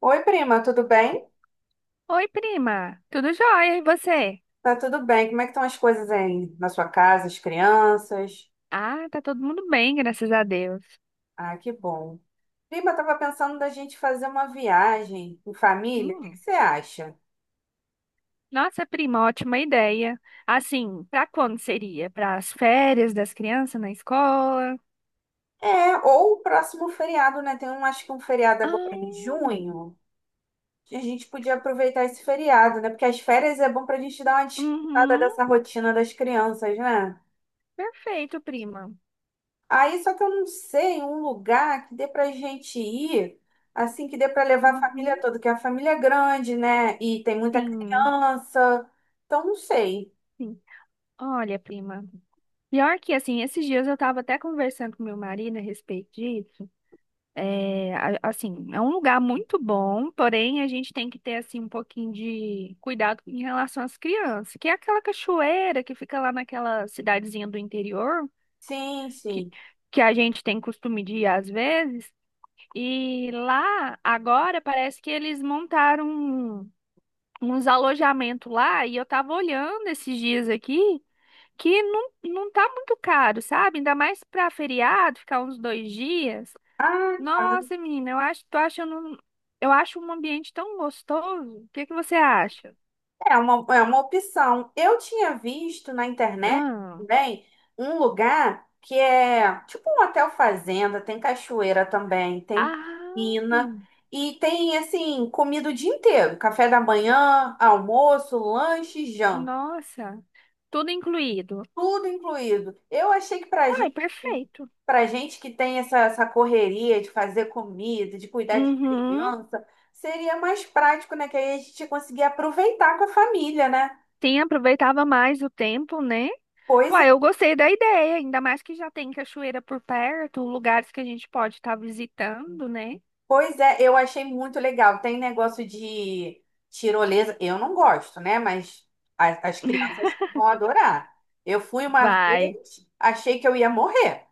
Oi, prima, tudo bem? Oi, prima. Tudo jóia? E você? Tá tudo bem. Como é que estão as coisas aí na sua casa, as crianças? Ah, tá todo mundo bem, graças a Deus. Ah, que bom. Prima, eu tava pensando da gente fazer uma viagem em família. O que que Hum. você acha? Nossa, prima, ótima ideia. Assim, pra quando seria? Para as férias das crianças na escola? É, ou o próximo feriado, né? Tem um, acho que um feriado agora em Ah, junho, que a gente podia aproveitar esse feriado, né? Porque as férias é bom pra gente dar uma descansada uhum. dessa rotina das crianças, né? Perfeito, prima. Aí só que eu não sei um lugar que dê pra gente ir, assim, que dê pra levar a família Uhum. toda, que a família é grande, né? E tem muita Sim, criança. Então não sei. sim. Olha, prima. Pior que, assim, esses dias eu tava até conversando com meu marido a respeito disso. É, assim, é um lugar muito bom, porém a gente tem que ter assim um pouquinho de cuidado em relação às crianças, que é aquela cachoeira que fica lá naquela cidadezinha do interior, Sim, que, sim. que a gente tem costume de ir às vezes. E lá agora parece que eles montaram uns alojamentos lá e eu tava olhando esses dias aqui que não, não tá muito caro, sabe? Ainda mais para feriado, ficar uns 2 dias. Ah, tá. Nossa, menina, eu acho, tô achando, eu acho um ambiente tão gostoso. O que que você acha? É uma, é uma opção. Eu tinha visto na internet Ah, também um lugar que é tipo um hotel fazenda, tem cachoeira também, tem ah, piscina e tem assim, comida o dia inteiro, café da manhã, almoço, lanche, e janta. nossa, tudo incluído. Tudo incluído. Eu achei que Uai, perfeito. pra gente que tem essa, essa correria de fazer comida, de cuidar de Uhum. criança, seria mais prático, né? Que aí a gente ia conseguir aproveitar com a família, né? Sim, aproveitava mais o tempo, né? Pois é, Uai, eu gostei da ideia, ainda mais que já tem cachoeira por perto, lugares que a gente pode estar visitando, né? pois é, eu achei muito legal. Tem negócio de tirolesa. Eu não gosto, né? Mas as crianças vão adorar. Eu fui uma Vai. vez, achei que eu ia morrer.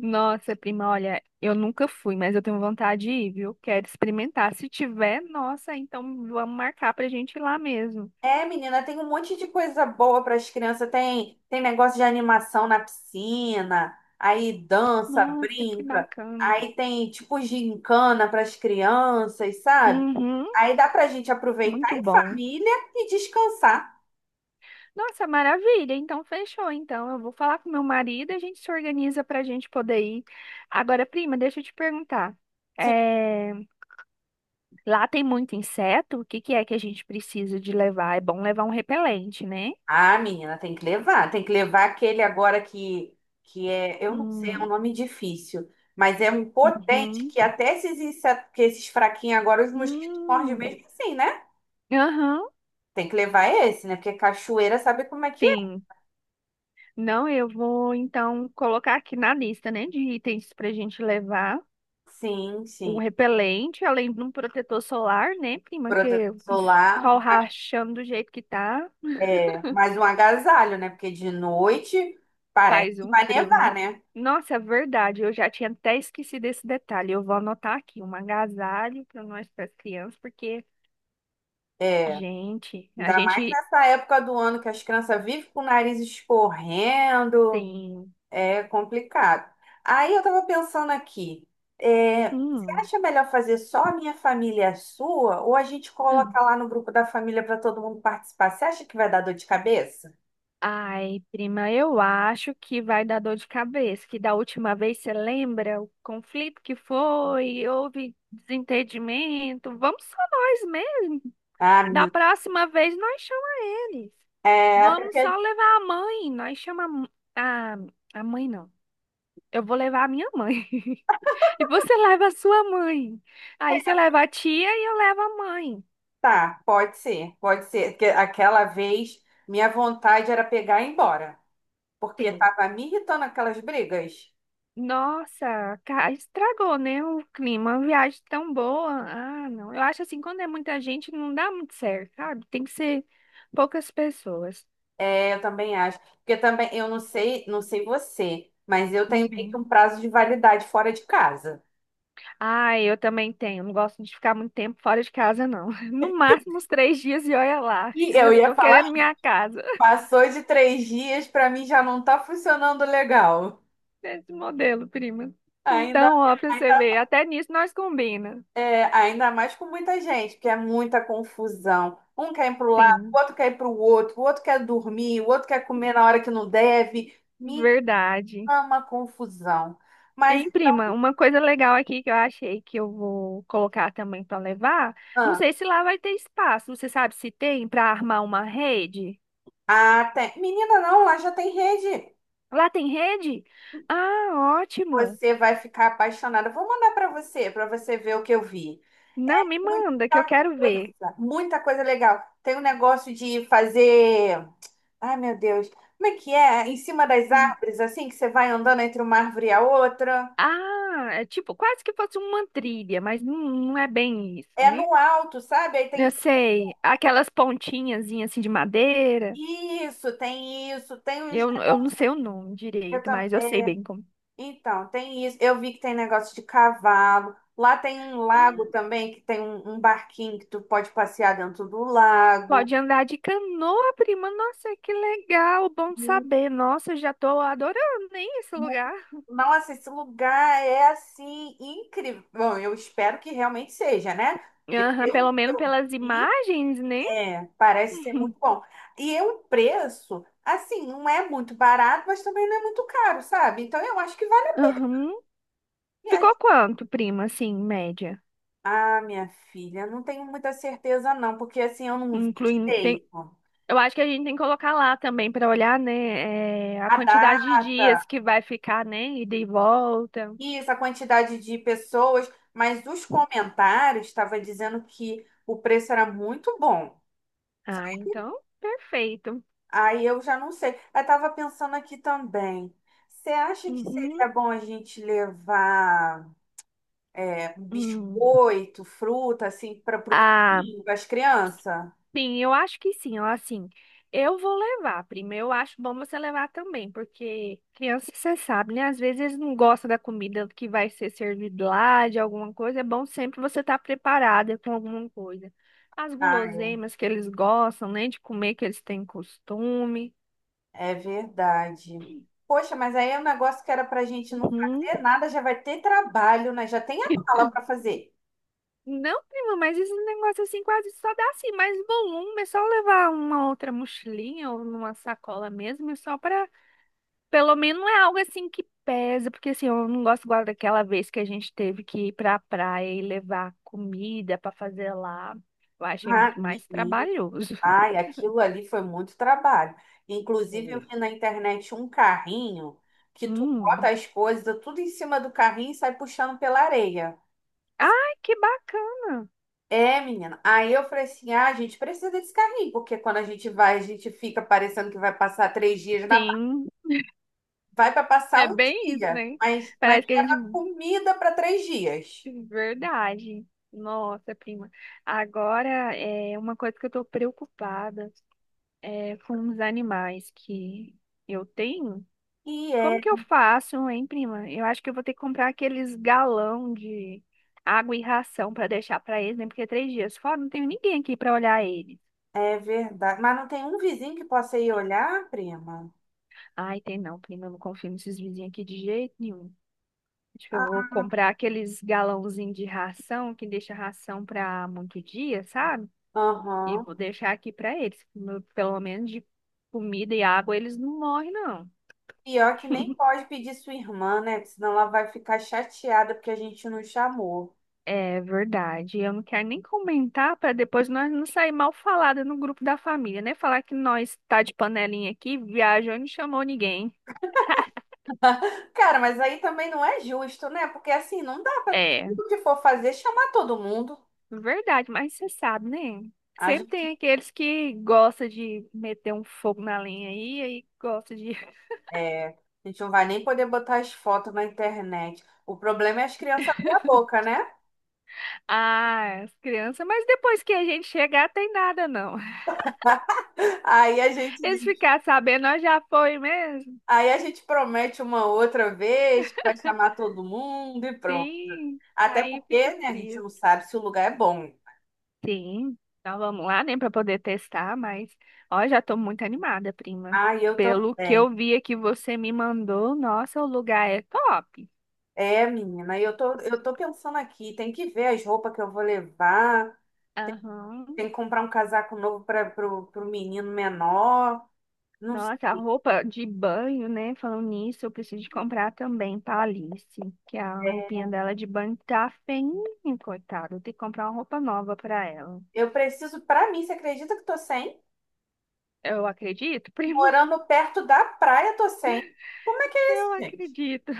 Nossa, prima, olha, eu nunca fui, mas eu tenho vontade de ir, viu? Quero experimentar. Se tiver, nossa, então vamos marcar pra gente ir lá mesmo. É, menina, tem um monte de coisa boa para as crianças. Tem, tem negócio de animação na piscina, aí dança, Nossa, que brinca, bacana. aí tem tipo gincana para as crianças, sabe? Uhum, Aí dá para a gente aproveitar muito em bom. família e descansar. Nossa, maravilha. Então fechou. Então eu vou falar com meu marido e a gente se organiza pra gente poder ir. Agora, prima, deixa eu te perguntar. Sim. É, lá tem muito inseto? O que que é que a gente precisa de levar? É bom levar um repelente, né? Ah, menina, tem que levar. Tem que levar aquele agora que é, eu não sei, é um Hum, nome difícil, mas é um potente uhum. que até esses, insetos, que esses fraquinhos agora os mosquitos mordem Hum. mesmo assim, né? Aham, Tem que levar esse, né? Porque cachoeira sabe como é que é. sim. Não, eu vou então colocar aqui na lista, né, de itens para a gente levar Sim, um sim. repelente, além de um protetor solar, né, prima? Que Protetor é o solar, sol rachando do jeito que tá, né? Mais um agasalho, né? Porque de noite parece faz que um vai frio, nevar, né? né? Nossa, é verdade, eu já tinha até esquecido esse detalhe. Eu vou anotar aqui um agasalho para nós, para as crianças, porque, É, gente, a ainda mais gente nessa época do ano que as crianças vivem com o nariz escorrendo, tem. é complicado. Aí eu tava pensando aqui, você Hum. acha melhor fazer só a minha família e a sua, ou a gente coloca lá no grupo da família para todo mundo participar? Você acha que vai dar dor de cabeça? Ai, prima, eu acho que vai dar dor de cabeça, que da última vez você lembra o conflito que foi, houve desentendimento. Vamos só nós mesmo. Ah, Da menina. próxima vez nós chama eles. É, até Vamos só porque levar a mãe, nós chama a, m- a mãe não. Eu vou levar a minha mãe. E você leva a sua mãe. Aí você leva a tia e eu levo a mãe. tá, pode ser, pode ser. Porque aquela vez minha vontade era pegar e ir embora, porque Sim. tava me irritando aquelas brigas. Nossa, estragou, né, o clima. Uma viagem tão boa. Ah, não. Eu acho assim, quando é muita gente, não dá muito certo, sabe? Tem que ser poucas pessoas. É, eu também acho. Porque também, eu não sei, não sei você, mas eu tenho meio que um Uhum. prazo de validade fora de casa. Ah, eu também tenho. Não gosto de ficar muito tempo fora de casa, não. No máximo uns 3 dias e olha lá. E Eu eu já ia tô falar, querendo minha casa. passou de três dias, pra mim já não tá funcionando legal. Esse modelo, prima. Ainda, Então, ó, pra você ainda, ver, até nisso nós combina. É, ainda mais com muita gente, porque é muita confusão. Um quer ir para o lado, o Sim, outro quer ir para o outro quer dormir, o outro quer comer na hora que não deve. Me verdade. ama confusão. Mas, Hein, prima, uma coisa legal aqui que eu achei que eu vou colocar também para levar. Não ah, sei se lá vai ter espaço. Você sabe se tem para armar uma rede? Tem- menina, não, lá já tem rede. Lá tem rede? Ah, ótimo. Você vai ficar apaixonada. Vou mandar para você ver o que eu vi. É Não, me manda que eu muita quero coisa, ver. muita coisa legal. Tem um negócio de fazer. Ai, meu Deus, como é que é? Em cima das Hum. árvores, assim, que você vai andando entre uma árvore e a outra. Ah, é tipo quase que fosse uma trilha, mas não, não é bem isso, É né? no alto, sabe? Aí Eu tem sei, aquelas pontinhas assim de madeira. isso, tem isso, tem uns. Eu não sei o nome eu direito, tam- mas eu sei é, bem como. Então, tem isso. Eu vi que tem negócio de cavalo. Lá tem um lago também, que tem um, um barquinho que tu pode passear dentro do lago. Pode andar de canoa, prima. Nossa, que legal. Bom Hum, saber. Nossa, eu já tô adorando, hein, esse hum. lugar. Nossa, esse lugar é assim incrível. Bom, eu espero que realmente seja, né? Porque Aham, pelo pelo que menos eu pelas vi, imagens, né? é, parece ser Uhum. muito bom. E o preço, assim, não é muito barato, mas também não é muito caro, sabe? Então eu acho que vale a Aham. pena. Ficou quanto, prima, assim, média? Ah, minha filha, não tenho muita certeza não, porque assim, eu não vi Incluindo, tem, direito eu acho que a gente tem que colocar lá também pra olhar, né, é, a a quantidade de data, dias que vai ficar, né, ida e volta. isso, a quantidade de pessoas, mas os comentários estavam dizendo que o preço era muito bom, sabe? Ah, então, perfeito. Aí eu já não sei. Eu estava pensando aqui também. Você acha que Uhum. seria bom a gente levar um Hum. biscoito, fruta, assim, para o Ah, caminho, para as crianças? sim, eu acho que sim, ó, assim, eu vou levar, prima, eu acho bom você levar também, porque criança, você sabe, né, às vezes eles não gostam da comida que vai ser servida lá, de alguma coisa, é bom sempre você estar preparada com alguma coisa. As guloseimas que eles gostam, né, de comer, que eles têm costume. É verdade. Poxa, mas aí é um negócio que era pra gente não Uhum. fazer nada, já vai ter trabalho, né? Já tem a mala para fazer. Não, prima, mas esse negócio assim quase só dá assim mais volume, é só levar uma outra mochilinha ou numa sacola mesmo, é só para pelo menos não é algo assim que pesa, porque assim, eu não gosto igual daquela vez que a gente teve que ir pra praia e levar comida pra fazer lá. Eu achei Ah, muito mais menino, trabalhoso. ai, aquilo ali foi muito trabalho. Inclusive, eu Oi. vi na internet um carrinho que tu bota Hum. as coisas tudo em cima do carrinho e sai puxando pela areia. Ai, que bacana. É, menina. Aí eu falei assim: ah, a gente precisa desse carrinho, porque quando a gente vai, a gente fica parecendo que vai passar três dias na. Sim, Vai para é passar um bem isso, dia, né? Mas Parece que a gente. comida para três dias. Verdade. Nossa, prima. Agora é uma coisa que eu tô preocupada é com os animais que eu tenho. E Como é, que eu faço, hein, prima? Eu acho que eu vou ter que comprar aqueles galão de água e ração para deixar para eles, né? Porque é 3 dias fora, não tenho ninguém aqui para olhar eles. é verdade. Mas não tem um vizinho que possa ir olhar, prima? Ai, tem não, prima, eu não confio nesses vizinhos aqui de jeito nenhum. Acho que eu vou Ah, comprar aqueles galãozinhos de ração que deixa ração para muito dia, sabe? E aham. vou deixar aqui para eles. Pelo menos de comida e água eles não morrem, não. Pior que nem pode pedir sua irmã, né? Porque senão ela vai ficar chateada porque a gente não chamou. É verdade. Eu não quero nem comentar para depois nós não sair mal falada no grupo da família, né? Falar que nós tá de panelinha aqui, viajou e não chamou ninguém. Cara, mas aí também não é justo, né? Porque assim, não dá pra É, tudo que for fazer chamar todo mundo. verdade, mas você sabe, né? A Sempre gente, tem aqueles que gostam de meter um fogo na linha aí, aí gosta de. é, a gente não vai nem poder botar as fotos na internet. O problema é as crianças abrir a boca, né? Ah, as crianças, mas depois que a gente chegar, tem nada não. Aí a gente. Eles ficar sabendo, nós já foi mesmo. Aí a gente promete uma outra vez que vai chamar todo mundo e pronto. Sim, Até aí fica porque, né, a por gente isso. não sabe se o lugar é bom. Sim, então vamos lá, né, para poder testar, mas ó, já tô muito animada, prima. Ah, eu Pelo que também. eu vi que você me mandou, nossa, o lugar é top. É, menina, eu tô pensando aqui, tem que ver as roupas que eu vou levar, Aham. tem que comprar um casaco novo pro menino menor, não sei. Nossa, a roupa de banho, né? Falando nisso, eu preciso de comprar também pra Alice, que a roupinha dela de banho tá feinha, coitada. Eu tenho que comprar uma roupa nova pra ela. Eu preciso, pra mim, você acredita que eu tô sem? Eu acredito, prima. Morando perto da praia, tô sem. Como é que é isso, Eu gente? acredito.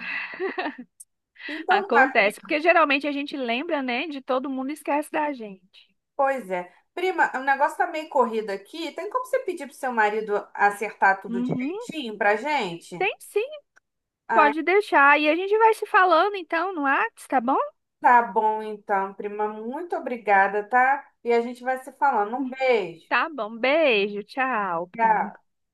Então, tá, Acontece, porque geralmente a gente lembra, né, de todo mundo e esquece da gente. pois é. Prima, o negócio tá meio corrido aqui. Tem como você pedir pro seu marido acertar tudo Uhum. direitinho pra gente? Tem sim. Ai, Pode deixar. E a gente vai se falando então no Whats, tá bom? tá bom então, prima. Muito obrigada, tá? E a gente vai se falando. Um beijo. Tá bom. Beijo. Tchau, prima. Tchau.